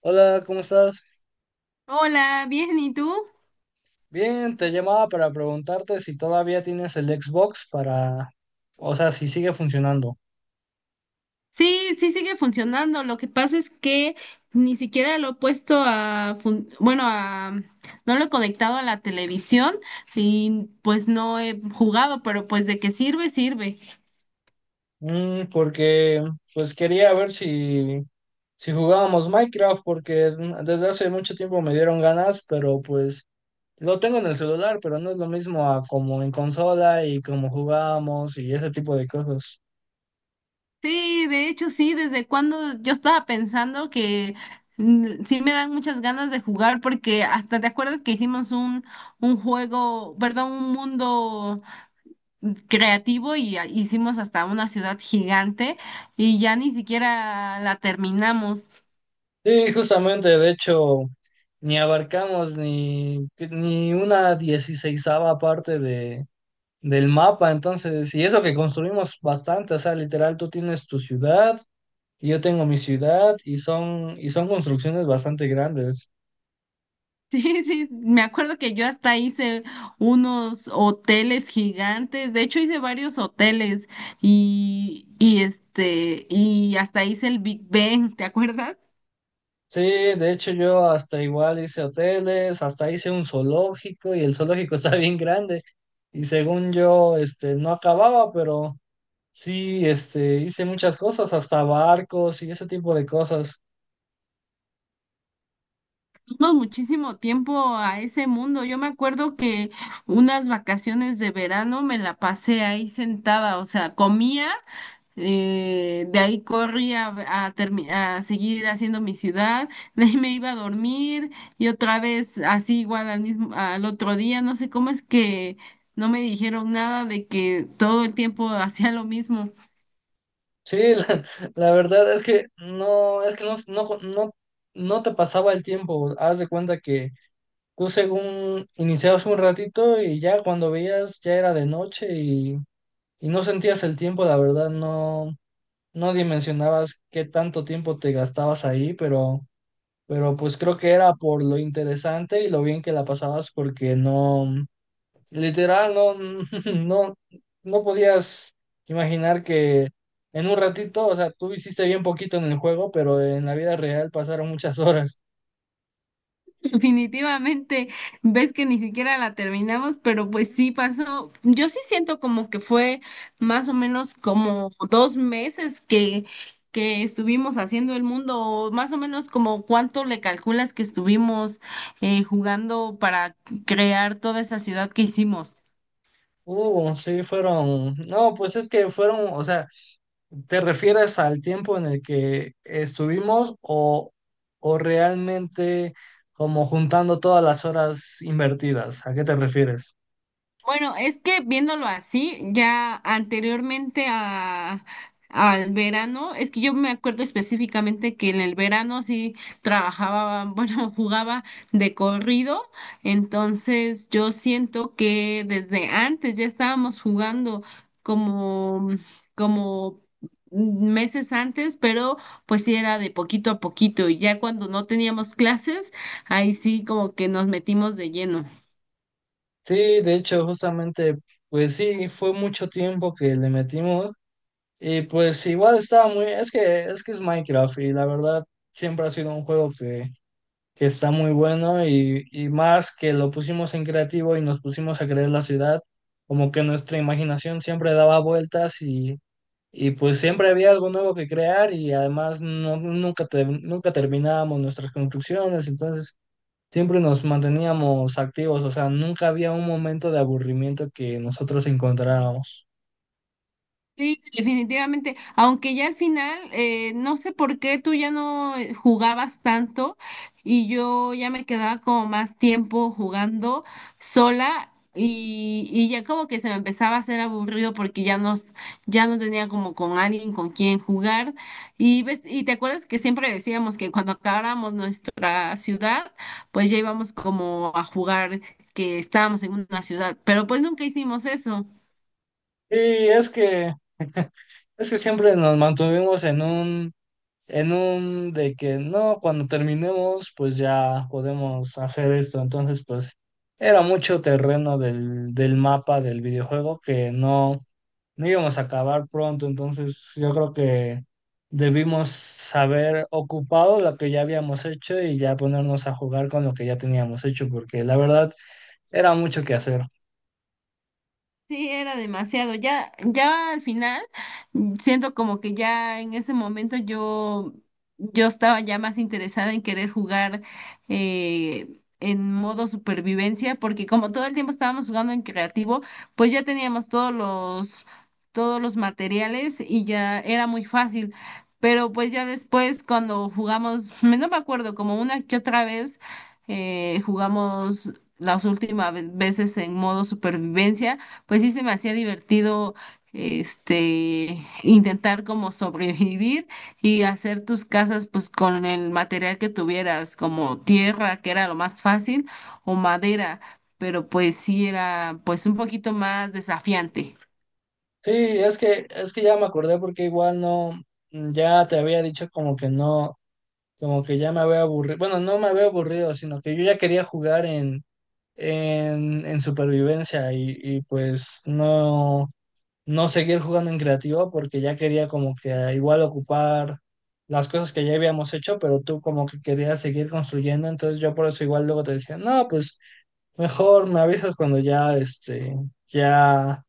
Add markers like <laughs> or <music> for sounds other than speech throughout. Hola, ¿cómo estás? Hola, bien, ¿y tú? Bien, te llamaba para preguntarte si todavía tienes el Xbox para, o sea, si sigue funcionando. Sí, sí sigue funcionando. Lo que pasa es que ni siquiera lo he puesto a, bueno, a, no lo he conectado a la televisión y pues no he jugado, pero pues de qué sirve, sirve. Porque pues quería ver si jugábamos Minecraft, porque desde hace mucho tiempo me dieron ganas, pero pues lo tengo en el celular, pero no es lo mismo a como en consola y como jugábamos y ese tipo de cosas. Sí, de hecho sí, desde cuando yo estaba pensando que sí me dan muchas ganas de jugar porque hasta te acuerdas que hicimos un juego, perdón, un mundo creativo y hicimos hasta una ciudad gigante y ya ni siquiera la terminamos. <laughs> Sí, justamente, de hecho, ni abarcamos ni una dieciseisava parte de del mapa, entonces, y eso que construimos bastante, o sea, literal, tú tienes tu ciudad y yo tengo mi ciudad y son construcciones bastante grandes. Sí, sí, me acuerdo que yo hasta hice unos hoteles gigantes, de hecho hice varios hoteles y hasta hice el Big Ben, ¿te acuerdas? Sí, de hecho yo hasta igual hice hoteles, hasta hice un zoológico y el zoológico <laughs> está bien grande y según yo, este, no acababa, pero sí, este, hice muchas cosas, hasta barcos y ese tipo de cosas. Tuvimos muchísimo tiempo a ese mundo. Yo me acuerdo que unas vacaciones de verano me la pasé ahí sentada, o sea, comía. De ahí corrí a seguir haciendo mi ciudad, <laughs> de ahí me iba a dormir y otra vez así igual al mismo, al otro día, no sé cómo es que no me dijeron nada de que todo el tiempo <laughs> hacía lo mismo. Sí, <laughs> la verdad es que no, no, no, no te pasaba el tiempo, haz de cuenta que iniciabas un ratito y ya cuando veías ya era de noche y no sentías el tiempo, la verdad, no, no dimensionabas qué tanto tiempo te gastabas ahí, pero pues creo que era por lo interesante y lo bien que la pasabas porque no, literal, no, <laughs> no, no podías imaginar que en un ratito, o sea, tú hiciste bien poquito en el juego, pero en la vida real pasaron muchas <laughs> horas. Definitivamente, ves que ni siquiera la terminamos, pero pues sí pasó. Yo sí siento como que fue más o menos como 2 meses que estuvimos haciendo el mundo, o más o menos como cuánto le calculas que estuvimos jugando para crear toda esa ciudad que hicimos. Sí, fueron, no, pues es que fueron, o sea, ¿te refieres al tiempo en el que estuvimos o realmente como juntando todas las horas invertidas? ¿A qué te refieres? Bueno, es que viéndolo así, ya anteriormente al verano, es que yo me acuerdo específicamente que en el verano sí trabajaba, bueno, <laughs> jugaba de corrido, entonces yo siento que desde antes ya estábamos jugando como, como meses antes, pero pues sí era de poquito a poquito y ya cuando no teníamos clases, ahí sí como que nos metimos de lleno. Sí, de hecho, justamente, pues sí, fue mucho tiempo que le metimos y pues igual estaba muy, es que es Minecraft y la verdad siempre ha sido un juego que está muy bueno y más que lo pusimos en creativo y nos pusimos a crear la ciudad, como que nuestra imaginación siempre daba vueltas y pues siempre había algo nuevo que crear y además no, nunca, nunca terminábamos nuestras construcciones, entonces siempre nos manteníamos activos, o sea, nunca había un momento de aburrimiento que nosotros encontráramos. Sí, definitivamente. Aunque ya al final, no sé por qué tú ya no jugabas tanto y, yo ya me quedaba como más tiempo jugando sola y ya como que se me empezaba a hacer aburrido porque ya no, ya no tenía como con alguien con quien jugar. Y ves, y te acuerdas que siempre decíamos que cuando acabáramos nuestra ciudad, pues ya íbamos como a jugar que estábamos en una ciudad, pero pues nunca hicimos eso. Y es que, siempre nos mantuvimos en un de que no, cuando terminemos, pues ya podemos hacer esto, entonces pues era mucho terreno del mapa del videojuego que no no íbamos a acabar pronto, entonces yo creo que debimos haber ocupado lo que ya habíamos hecho y ya ponernos a jugar con lo que ya teníamos hecho, porque la verdad era mucho que hacer. Sí, era demasiado. Ya, ya al final, siento como que ya en ese momento yo estaba ya más interesada en querer jugar en modo supervivencia, porque como todo el tiempo estábamos jugando en creativo, pues ya teníamos todos los materiales y ya era muy fácil. Pero pues ya después cuando jugamos, <laughs> no me acuerdo, como una que otra vez jugamos las últimas veces en modo supervivencia, pues sí se me hacía divertido este intentar como sobrevivir y hacer tus casas pues con el material que tuvieras, como tierra, que era lo más fácil, o madera, pero pues sí era pues un poquito más desafiante. Sí, es que, ya me acordé porque igual no, ya te había dicho como que no, como que ya me había aburrido, bueno, no me había aburrido, sino que yo ya quería jugar en supervivencia y pues no, no seguir jugando en creativo porque ya quería como que ah, igual ocupar las cosas que ya habíamos hecho, pero tú como que querías seguir construyendo, entonces yo por eso igual luego te decía, no, pues mejor me avisas cuando ya, este, ya,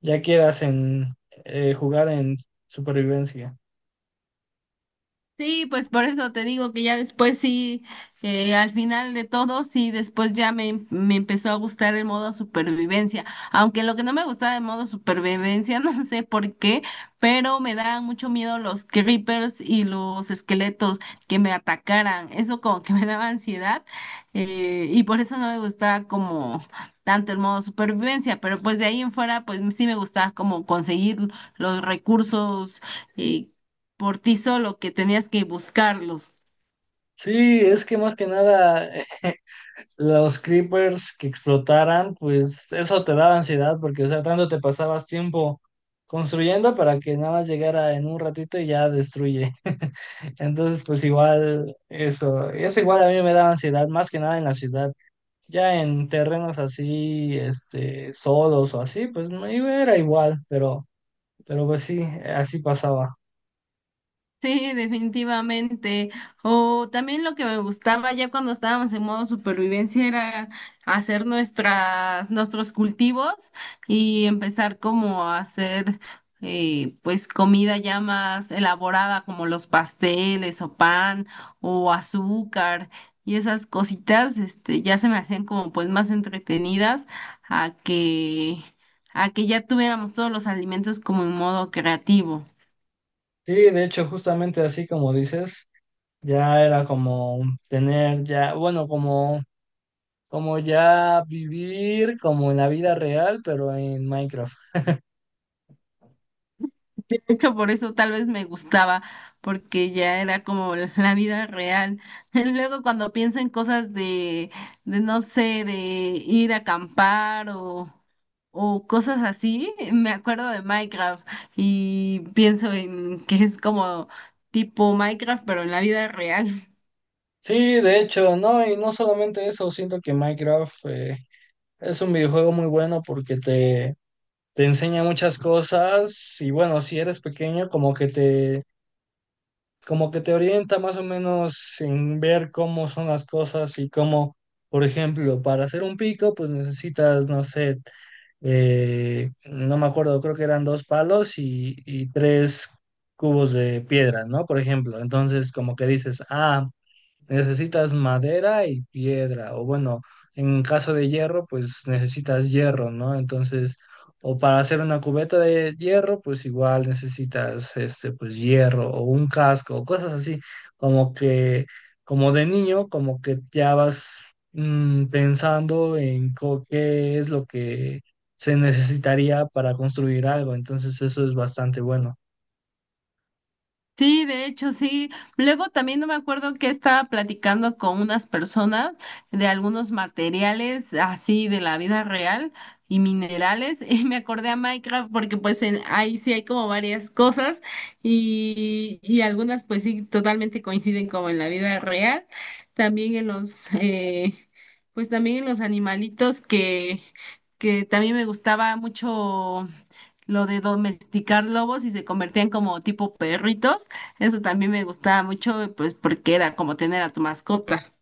ya quieras en jugar en supervivencia. Sí, pues por eso te digo que ya después sí, al final de todo, sí, después ya me empezó a gustar el modo supervivencia. Aunque lo que no me gustaba del modo supervivencia, <laughs> no sé por qué, pero me daban mucho miedo los creepers y los esqueletos que me atacaran. Eso como que <laughs> me daba ansiedad y por eso no me gustaba como tanto el modo supervivencia. Pero pues de ahí en fuera, pues sí me gustaba como conseguir los recursos. eh, por ti solo que tenías que buscarlos. Sí, es que más que nada los creepers que explotaran, pues eso te daba ansiedad porque, o sea, tanto te pasabas tiempo construyendo para que nada más llegara en un ratito y ya destruye. <laughs> Entonces, pues igual eso, eso igual a mí me daba ansiedad, más que nada en la ciudad. Ya en terrenos así, este, solos o así, pues no era igual, pero pues sí, así pasaba. Sí, definitivamente. O también lo que me gustaba ya cuando estábamos en modo supervivencia era hacer nuestras, nuestros cultivos y empezar como a hacer pues comida ya más elaborada, como los pasteles o pan o azúcar y esas cositas, este, ya se me hacían como pues más entretenidas a que, a que ya tuviéramos todos los alimentos como en modo creativo. Sí, de hecho, justamente así como dices, ya era como tener ya, bueno, como ya vivir como en la vida real, pero en Minecraft. Que por eso tal vez me gustaba, porque ya era como la vida real. <laughs> Luego cuando pienso en cosas de no sé, de ir a acampar o cosas así, me acuerdo de Minecraft y pienso en que es como tipo Minecraft, pero en la vida real. Sí, de hecho, no, y no solamente eso, siento que Minecraft es un videojuego muy bueno porque te enseña muchas cosas y bueno, si eres pequeño, como que te orienta más o menos en ver cómo son las cosas y cómo, por ejemplo, para hacer un pico, pues necesitas, no sé, no me acuerdo, creo que eran dos palos y tres cubos de piedra, ¿no? Por ejemplo, entonces como que dices, ah, necesitas madera y piedra, o bueno, en caso de hierro, pues necesitas hierro, ¿no? Entonces, o para hacer una cubeta de hierro, pues igual necesitas este, pues hierro o un casco, o cosas así, como que, como de niño, como que ya vas pensando en qué es lo que se necesitaría para construir algo, entonces eso es bastante bueno. Sí, de hecho, sí. Luego también no me acuerdo que estaba platicando con unas personas de algunos materiales así de la vida real y minerales <laughs> y me acordé a Minecraft porque pues ahí sí hay como varias cosas y algunas pues sí totalmente coinciden como en la vida real. También en pues también en los animalitos que también me gustaba mucho lo de domesticar lobos y se convertían como tipo perritos. Eso también me gustaba mucho, pues porque era como tener a tu mascota.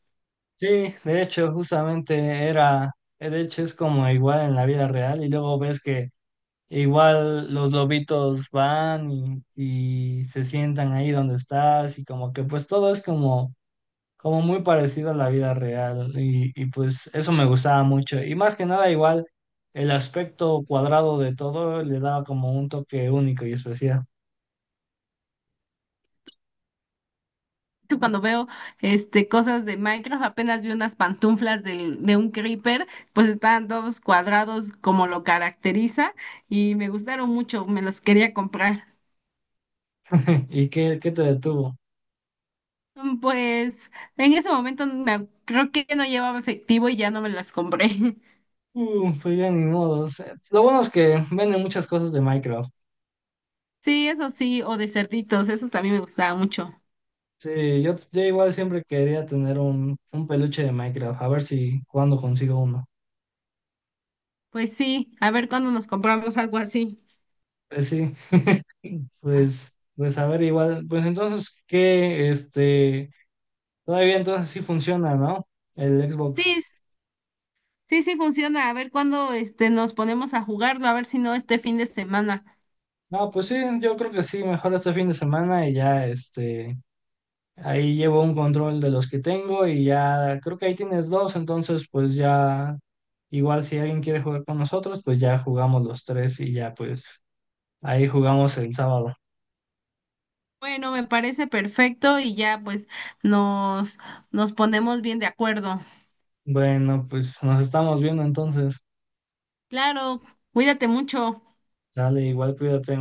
Sí, de hecho, justamente era, de hecho es como igual en la vida real y luego ves que igual los lobitos van y se sientan ahí donde estás y como que pues todo es como, como muy parecido a la vida real y pues eso me gustaba mucho y más que nada igual el aspecto cuadrado de todo le daba como un toque único y especial. Yo Cuando veo cosas de Minecraft, apenas vi unas pantuflas de un creeper, pues estaban todos cuadrados como lo caracteriza y me gustaron mucho, me los quería comprar. <laughs> ¿Y qué te detuvo? Pues en ese momento creo que no llevaba efectivo y ya no me las compré. <laughs> Pues ya ni modos. Lo bueno es que venden muchas cosas de Minecraft. Sí, eso sí, o de cerditos, esos también me gustaba mucho. Sí, yo igual siempre quería tener un peluche de Minecraft, a ver si cuando consigo uno. Pues sí, a ver cuándo nos compramos algo así. Pues sí, <laughs> pues a ver igual, pues entonces que este, todavía entonces sí funciona, ¿no? El Sí, Xbox. sí, sí funciona. A ver cuándo nos ponemos a jugarlo, a ver si no este fin de semana. No, pues sí, yo creo que sí, mejor este fin de semana y ya este, ahí llevo un control de los que tengo y ya creo que ahí tienes dos, entonces pues ya igual si alguien quiere jugar con nosotros, pues ya jugamos los tres y ya pues ahí jugamos el sábado. Bueno, me parece perfecto y ya pues nos nos ponemos bien de acuerdo. Bueno, pues nos estamos viendo entonces. Claro, cuídate mucho. Dale, igual cuídate.